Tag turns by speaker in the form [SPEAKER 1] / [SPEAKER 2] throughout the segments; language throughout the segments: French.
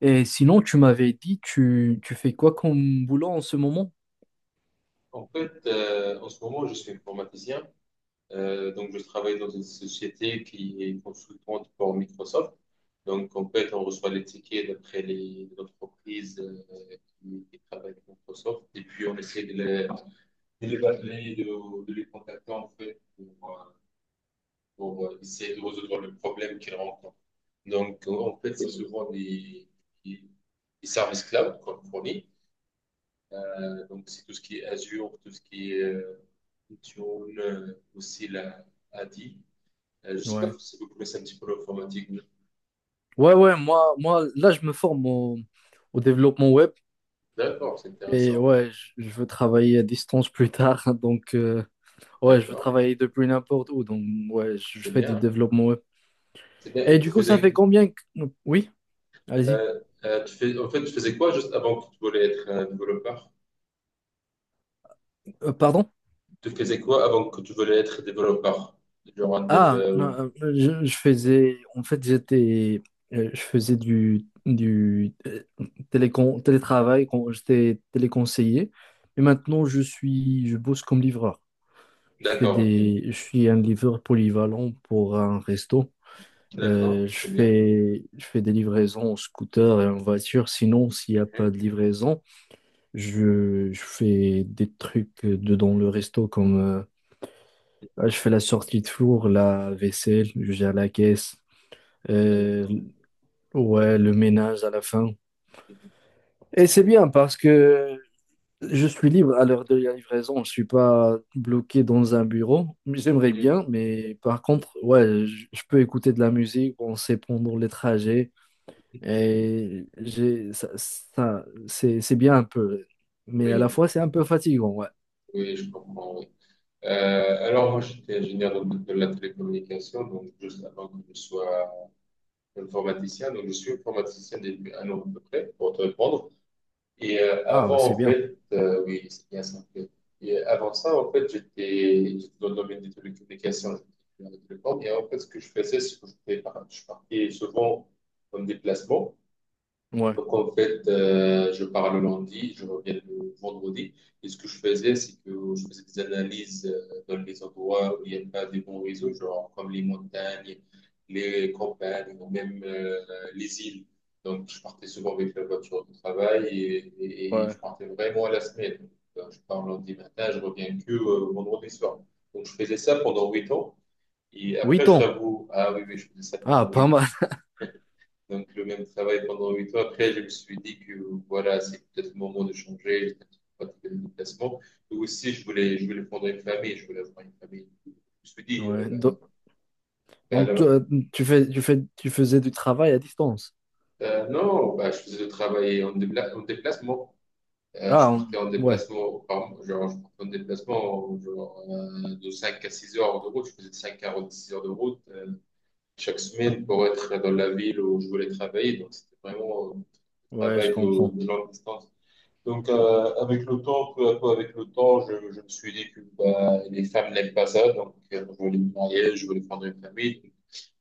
[SPEAKER 1] Et sinon, tu m'avais dit, tu fais quoi comme boulot en ce moment?
[SPEAKER 2] En fait, en ce moment, je suis informaticien. Donc, je travaille dans une société qui est consultante pour Microsoft. Donc, en fait, on reçoit les tickets d'après les entreprises, qui travaillent avec Microsoft. Et puis, on essaie de les appeler, de les contacter, en fait, pour essayer de résoudre le problème qu'ils rencontrent. Donc, en fait, c'est souvent des des services cloud qu'on fournit. Donc, c'est tout ce qui est Azure, tout ce qui est Intune, aussi la ADI. Je ne sais pas
[SPEAKER 1] Ouais.
[SPEAKER 2] si vous connaissez un petit peu l'informatique,
[SPEAKER 1] Ouais, ouais, moi, là, je me forme au développement web
[SPEAKER 2] D'accord, c'est
[SPEAKER 1] et
[SPEAKER 2] intéressant.
[SPEAKER 1] ouais, je veux travailler à distance plus tard. Donc, ouais, je veux
[SPEAKER 2] D'accord,
[SPEAKER 1] travailler depuis n'importe où. Donc, ouais, je
[SPEAKER 2] c'est
[SPEAKER 1] fais du
[SPEAKER 2] bien.
[SPEAKER 1] développement web.
[SPEAKER 2] C'est bien.
[SPEAKER 1] Et
[SPEAKER 2] Et tu
[SPEAKER 1] du coup, ça fait
[SPEAKER 2] faisais,
[SPEAKER 1] combien Oui, allez-y.
[SPEAKER 2] tu fais, en fait, tu faisais quoi juste avant que tu voulais être développeur?
[SPEAKER 1] Pardon?
[SPEAKER 2] Tu faisais quoi avant que tu voulais être développeur? Genre un dev,
[SPEAKER 1] Ah, non, je faisais, en fait, j'étais, je faisais du télétravail quand j'étais téléconseiller. Et maintenant, je bosse comme livreur.
[SPEAKER 2] D'accord, ok.
[SPEAKER 1] Je suis un livreur polyvalent pour un resto.
[SPEAKER 2] D'accord, c'est bien.
[SPEAKER 1] Je fais des livraisons en scooter et en voiture. Sinon, s'il n'y a pas
[SPEAKER 2] Mhm.
[SPEAKER 1] de livraison, je fais des trucs dedans le resto comme je fais la sortie de four, la vaisselle, je gère la caisse. Euh,
[SPEAKER 2] D'accord.
[SPEAKER 1] ouais, le ménage à la fin.
[SPEAKER 2] Mhm. C'est
[SPEAKER 1] Et c'est
[SPEAKER 2] bien.
[SPEAKER 1] bien parce que je suis libre à l'heure de la livraison. Je ne suis pas bloqué dans un bureau. J'aimerais
[SPEAKER 2] Mhm.
[SPEAKER 1] bien, mais par contre, ouais, je peux écouter de la musique, on sait pendant les trajets. C'est bien un peu. Mais à la
[SPEAKER 2] Oui,
[SPEAKER 1] fois, c'est un peu fatigant, ouais.
[SPEAKER 2] oui, je comprends, oui. Alors, moi, j'étais ingénieur dans de la télécommunication, donc juste avant que je sois informaticien. Donc, je suis informaticien depuis un an à peu près, pour te répondre. Et
[SPEAKER 1] Ah,
[SPEAKER 2] avant,
[SPEAKER 1] c'est
[SPEAKER 2] en
[SPEAKER 1] bien.
[SPEAKER 2] fait, oui, c'est bien ça, en fait. Et avant ça, en fait, j'étais dans le domaine des télécommunications, j'étais dans la télécom. Et en fait, ce que je faisais, c'est que je partais souvent en déplacement.
[SPEAKER 1] Ouais,
[SPEAKER 2] Donc, en fait, je pars le lundi, je reviens le vendredi. Et ce que je faisais, c'est que je faisais des analyses, dans les endroits où il n'y a pas de bons réseaux, genre comme les montagnes, les campagnes ou même, les îles. Donc, je partais souvent avec la voiture de travail, et
[SPEAKER 1] ouais.
[SPEAKER 2] je partais vraiment à la semaine. Donc, je pars lundi matin, je reviens que vendredi soir. Donc, je faisais ça pendant 8 ans. Et après,
[SPEAKER 1] huit
[SPEAKER 2] je
[SPEAKER 1] ans.
[SPEAKER 2] t'avoue, ah oui, oui, je faisais ça
[SPEAKER 1] Ah,
[SPEAKER 2] pendant
[SPEAKER 1] pas
[SPEAKER 2] huit ans.
[SPEAKER 1] mal.
[SPEAKER 2] Donc, le même travail pendant 8 ans. Après, je me suis dit que voilà, c'est peut-être le moment de changer. J'étais un petit peu fatigué de mon déplacement. Et aussi, je voulais fonder une famille. Je voulais avoir une famille. Je me suis dit,
[SPEAKER 1] Ouais.
[SPEAKER 2] ben, ben,
[SPEAKER 1] Donc,
[SPEAKER 2] là-
[SPEAKER 1] tu faisais du travail à distance.
[SPEAKER 2] non, ben, je faisais le travail en déplacement. Je
[SPEAKER 1] Ah,
[SPEAKER 2] partais en
[SPEAKER 1] ouais.
[SPEAKER 2] déplacement, par mois. Genre, je partais en déplacement, genre, de 5 à 6 heures de route. Je faisais 5 à 6 heures de route, chaque semaine pour être dans la ville où je voulais travailler. Donc, c'était vraiment un
[SPEAKER 1] Ouais, je
[SPEAKER 2] travail de
[SPEAKER 1] comprends.
[SPEAKER 2] longue distance. Donc, avec le temps, peu à peu avec le temps, je me suis dit que bah, les femmes n'aiment pas ça. Donc, je voulais me marier, je voulais prendre une famille.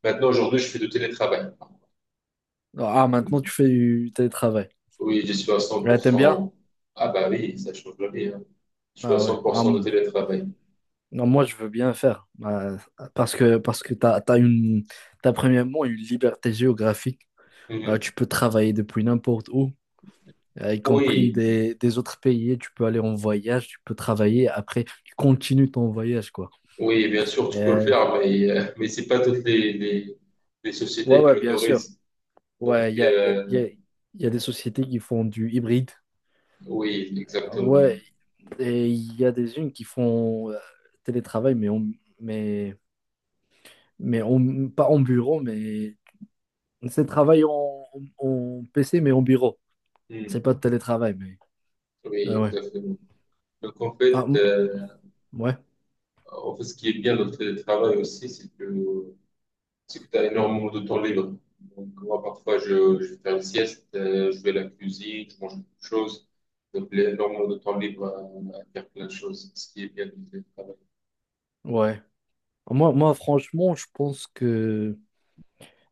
[SPEAKER 2] Maintenant, aujourd'hui, je fais du télétravail.
[SPEAKER 1] Ah, maintenant tu fais du télétravail.
[SPEAKER 2] Oui, je suis à cent
[SPEAKER 1] Ouais,
[SPEAKER 2] pour
[SPEAKER 1] t'aimes bien?
[SPEAKER 2] cent Ah bah oui, ça change la vie, hein. Je suis à
[SPEAKER 1] Ah ouais.
[SPEAKER 2] cent pour cent de télétravail.
[SPEAKER 1] Non, moi, je veux bien faire. Bah parce que t'as premièrement une liberté géographique. Ah,
[SPEAKER 2] Mhm.
[SPEAKER 1] tu peux travailler depuis n'importe où, ah, y compris
[SPEAKER 2] Oui,
[SPEAKER 1] des autres pays. Tu peux aller en voyage, tu peux travailler. Après, tu continues ton voyage, quoi.
[SPEAKER 2] oui, bien sûr, tu peux le
[SPEAKER 1] Et-
[SPEAKER 2] faire, mais, mais c'est pas toutes les
[SPEAKER 1] Ouais,
[SPEAKER 2] sociétés qui
[SPEAKER 1] ouais, bien sûr.
[SPEAKER 2] l'autorisent. Donc,
[SPEAKER 1] Ouais, il y a, y a, y a y a des sociétés qui font du hybride.
[SPEAKER 2] oui, exactement.
[SPEAKER 1] Ouais, et il y a des unes qui font télétravail, mais, mais on, pas en bureau, mais c'est travail en PC, mais en bureau.
[SPEAKER 2] Mhm.
[SPEAKER 1] C'est pas de télétravail, mais
[SPEAKER 2] Oui,
[SPEAKER 1] ouais.
[SPEAKER 2] exactement. Donc, en
[SPEAKER 1] Ah,
[SPEAKER 2] fait,
[SPEAKER 1] m- ouais,
[SPEAKER 2] en fait, ce qui est bien dans le télétravail aussi, c'est que tu as énormément de temps libre. Donc, moi, parfois, je vais faire une sieste, je vais à la cuisine, je mange quelque chose. Donc, il y a énormément de temps libre à faire plein de choses, ce qui est bien dans le télétravail.
[SPEAKER 1] ouais. Moi, franchement, je pense que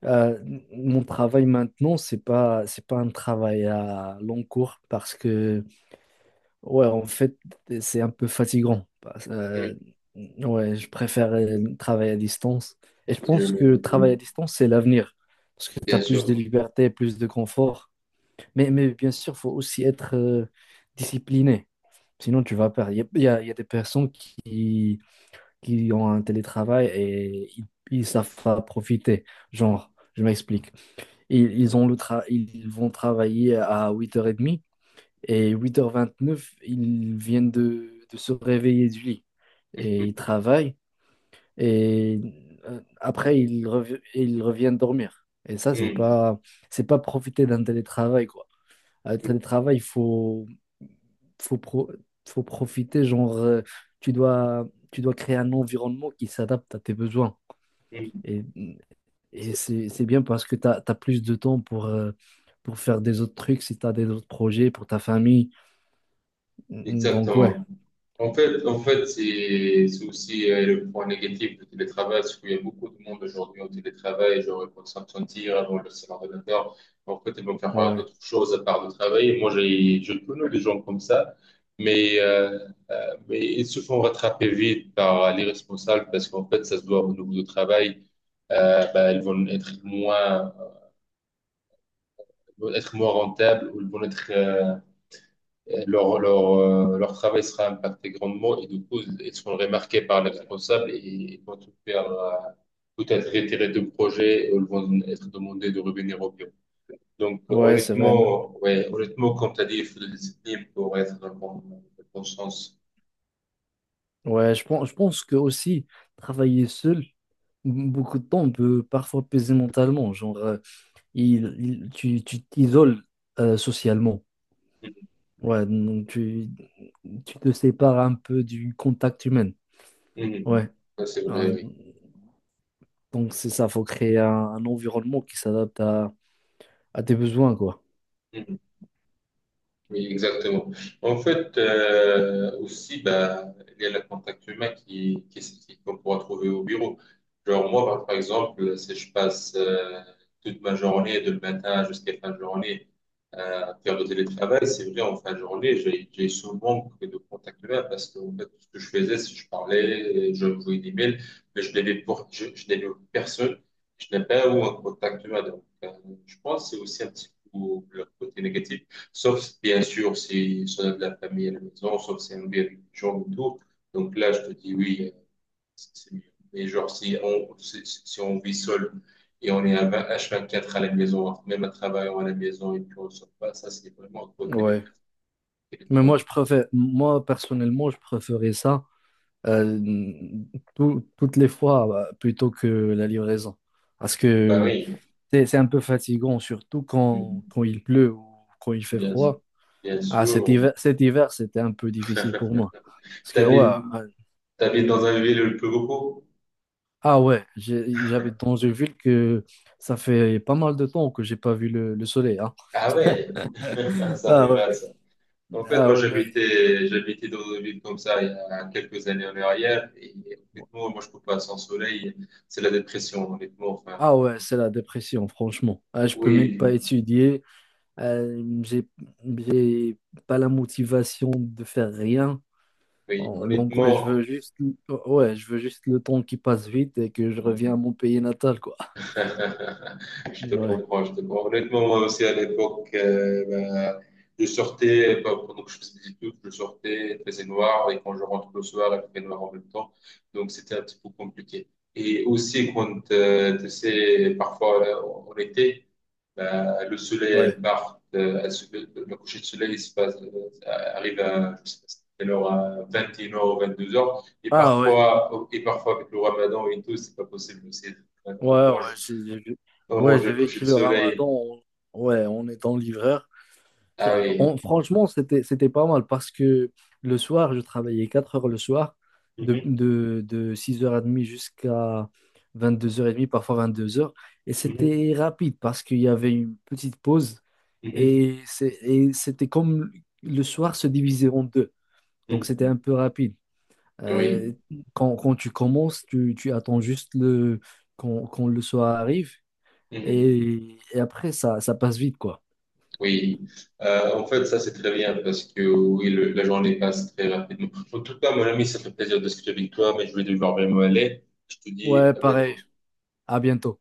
[SPEAKER 1] euh, mon travail maintenant, c'est pas un travail à long cours parce que ouais, en fait, c'est un peu fatigant.
[SPEAKER 2] Mm.
[SPEAKER 1] Ouais, je préfère travailler à distance. Et je
[SPEAKER 2] Je-
[SPEAKER 1] pense que le travail à distance, c'est l'avenir. Parce que tu as
[SPEAKER 2] bien
[SPEAKER 1] plus de
[SPEAKER 2] sûr.
[SPEAKER 1] liberté, plus de confort. Mais bien sûr, il faut aussi être discipliné. Sinon, tu vas perdre. Il y a, il y a- il y a des personnes qui ont un télétravail et ils savent pas profiter. Genre, je m'explique. Ils vont travailler à 8h30. Et 8h29 ils viennent de se réveiller du lit et ils travaillent. Et après, ils reviennent dormir. Et ça, c'est
[SPEAKER 2] Mm.
[SPEAKER 1] pas, c'est pas profiter d'un télétravail, quoi. Un
[SPEAKER 2] Mm.
[SPEAKER 1] télétravail, il faut, faut, pro- faut profiter, genre, tu dois créer un environnement qui s'adapte à tes besoins.
[SPEAKER 2] Mm.
[SPEAKER 1] Et, et c'est bien parce que tu as plus de temps pour faire des autres trucs, si tu as des autres projets pour ta famille. Donc, ouais,
[SPEAKER 2] Exactement. En fait, c'est aussi, le point négatif du télétravail, c'est qu'il y a beaucoup de monde aujourd'hui au télétravail, genre ils vont s'absentir, ils vont laisser l'ordinateur, en fait, ils vont faire,
[SPEAKER 1] ouais.
[SPEAKER 2] d'autres choses à part de travailler. Moi, j'ai, je connais des gens comme ça, mais, euh, mais ils se font rattraper vite par les responsables parce qu'en fait, ça se doit au niveau du travail, bah, ils vont être moins rentables ou ils vont être, leur, leur travail sera impacté grandement et du coup, ils seront remarqués par les responsables et ils vont tout faire, tout être retirer de projet et ils vont être demandés de revenir au bureau. Donc,
[SPEAKER 1] Ouais, c'est vrai.
[SPEAKER 2] honnêtement, ouais, honnêtement, comme tu as dit, il faut de la discipline pour être dans le bon sens.
[SPEAKER 1] Ouais, je pense que aussi travailler seul beaucoup de temps peut parfois peser mentalement. Genre, tu t'isoles socialement.
[SPEAKER 2] Mhm.
[SPEAKER 1] Ouais, donc tu te sépares un peu du contact humain.
[SPEAKER 2] Mhm.
[SPEAKER 1] Ouais.
[SPEAKER 2] Ça, c'est
[SPEAKER 1] Ah,
[SPEAKER 2] vrai, oui.
[SPEAKER 1] donc c'est ça, faut créer un environnement qui s'adapte à tes besoins, quoi.
[SPEAKER 2] Mhm. Oui, exactement. En fait, aussi, bah, il y a le contact humain qu'on pourra trouver au bureau. Genre moi, par exemple, si je passe, toute ma journée, de le matin jusqu'à fin de journée, à faire du télétravail, c'est vrai, en fin de journée, j'ai ce manque de contact humain parce que en fait, tout ce que je faisais, c'est que je parlais, je envoyais des mails, mais je n'avais personne, je n'avais pas eu un contact humain. Donc, je pense que c'est aussi un petit peu le côté négatif. Sauf, bien sûr, si on a de la famille à la maison, sauf si c'est un bébé gens et tout. Donc là, je te dis oui, c'est mieux. Mais genre, si on vit seul et on est à 20 H24 à la maison, même à travail, on est à la maison et puis on ne sort pas, ça, c'est vraiment trop
[SPEAKER 1] Ouais. Mais moi,
[SPEAKER 2] télétravail.
[SPEAKER 1] je préfère, moi personnellement, je préférais ça. euh, Toutes les fois bah, plutôt que la livraison. Parce
[SPEAKER 2] Bah
[SPEAKER 1] que
[SPEAKER 2] oui.
[SPEAKER 1] c'est un peu fatigant, surtout
[SPEAKER 2] Mhm.
[SPEAKER 1] quand il pleut ou quand il fait
[SPEAKER 2] Bien sûr.
[SPEAKER 1] froid.
[SPEAKER 2] Bien
[SPEAKER 1] Ah, cet
[SPEAKER 2] sûr.
[SPEAKER 1] hiver, cet hiver, c'était un peu difficile pour moi. Parce que, ouais,
[SPEAKER 2] T'habites, T'habites dans un ville le plus beaucoup?
[SPEAKER 1] ouais, j'habite dans une ville que ça fait pas mal de temps que j'ai pas vu le soleil, hein.
[SPEAKER 2] Ah ouais, ça
[SPEAKER 1] Ah
[SPEAKER 2] fait
[SPEAKER 1] ouais,
[SPEAKER 2] mal. En fait,
[SPEAKER 1] ah
[SPEAKER 2] moi,
[SPEAKER 1] ouais, mais.
[SPEAKER 2] j'habitais dans une ville comme ça il y a quelques années en arrière. Et honnêtement, moi, je peux pas sans soleil. C'est la dépression, honnêtement. Enfin,
[SPEAKER 1] Ah ouais, c'est la dépression, franchement. Ah, je peux même
[SPEAKER 2] oui,
[SPEAKER 1] pas étudier. Euh, j'ai, j'ai pas la motivation de faire rien.
[SPEAKER 2] oui,
[SPEAKER 1] Bon, donc ouais, je veux
[SPEAKER 2] honnêtement.
[SPEAKER 1] juste ouais, je veux juste le temps qui passe vite et que je reviens à mon pays natal, quoi.
[SPEAKER 2] Je te
[SPEAKER 1] Ouais,
[SPEAKER 2] comprends, je te comprends. Honnêtement, moi aussi, à l'époque, bah, je sortais, bah, pendant que je faisais des études, je sortais, il faisait noir, et quand je rentre le soir, il fait noir en même temps. Donc, c'était un petit peu compliqué. Et aussi, quand, tu sais, parfois, là, en été, ben, le soleil
[SPEAKER 1] ouais.
[SPEAKER 2] part, le coucher de soleil il se passe, arrive à, je sais pas quelle heure, à 21h ou 22h.
[SPEAKER 1] Ah ouais.
[SPEAKER 2] Et parfois, avec le ramadan et tout, c'est pas possible aussi.
[SPEAKER 1] Ouais,
[SPEAKER 2] Maintenant, moi,
[SPEAKER 1] ouais,
[SPEAKER 2] on
[SPEAKER 1] ouais,
[SPEAKER 2] mange le
[SPEAKER 1] j'ai
[SPEAKER 2] coucher
[SPEAKER 1] vécu
[SPEAKER 2] de
[SPEAKER 1] le
[SPEAKER 2] soleil.
[SPEAKER 1] Ramadan, ouais, en étant livreur.
[SPEAKER 2] Ah
[SPEAKER 1] Ça,
[SPEAKER 2] oui.
[SPEAKER 1] franchement, c'était pas mal parce que le soir, je travaillais 4 heures le soir, de,
[SPEAKER 2] Mhm,
[SPEAKER 1] de, de 6h30 jusqu'à 22h30, parfois 22 heures. Et
[SPEAKER 2] mhm,
[SPEAKER 1] c'était rapide parce qu'il y avait une petite pause
[SPEAKER 2] mhm,
[SPEAKER 1] et c'était comme le soir se divisait en deux. Donc c'était
[SPEAKER 2] mhm.
[SPEAKER 1] un peu rapide.
[SPEAKER 2] Oui.
[SPEAKER 1] Euh, quand tu commences, tu attends juste quand le soir arrive
[SPEAKER 2] Mhm.
[SPEAKER 1] et après, ça passe vite, quoi.
[SPEAKER 2] Oui. En fait, ça, c'est très bien parce que oui, le- la journée passe très rapidement. En tout cas, mon ami, ça fait plaisir de discuter avec toi, mais je vais devoir vraiment aller. Je te dis
[SPEAKER 1] Ouais,
[SPEAKER 2] à
[SPEAKER 1] pareil.
[SPEAKER 2] bientôt.
[SPEAKER 1] À bientôt.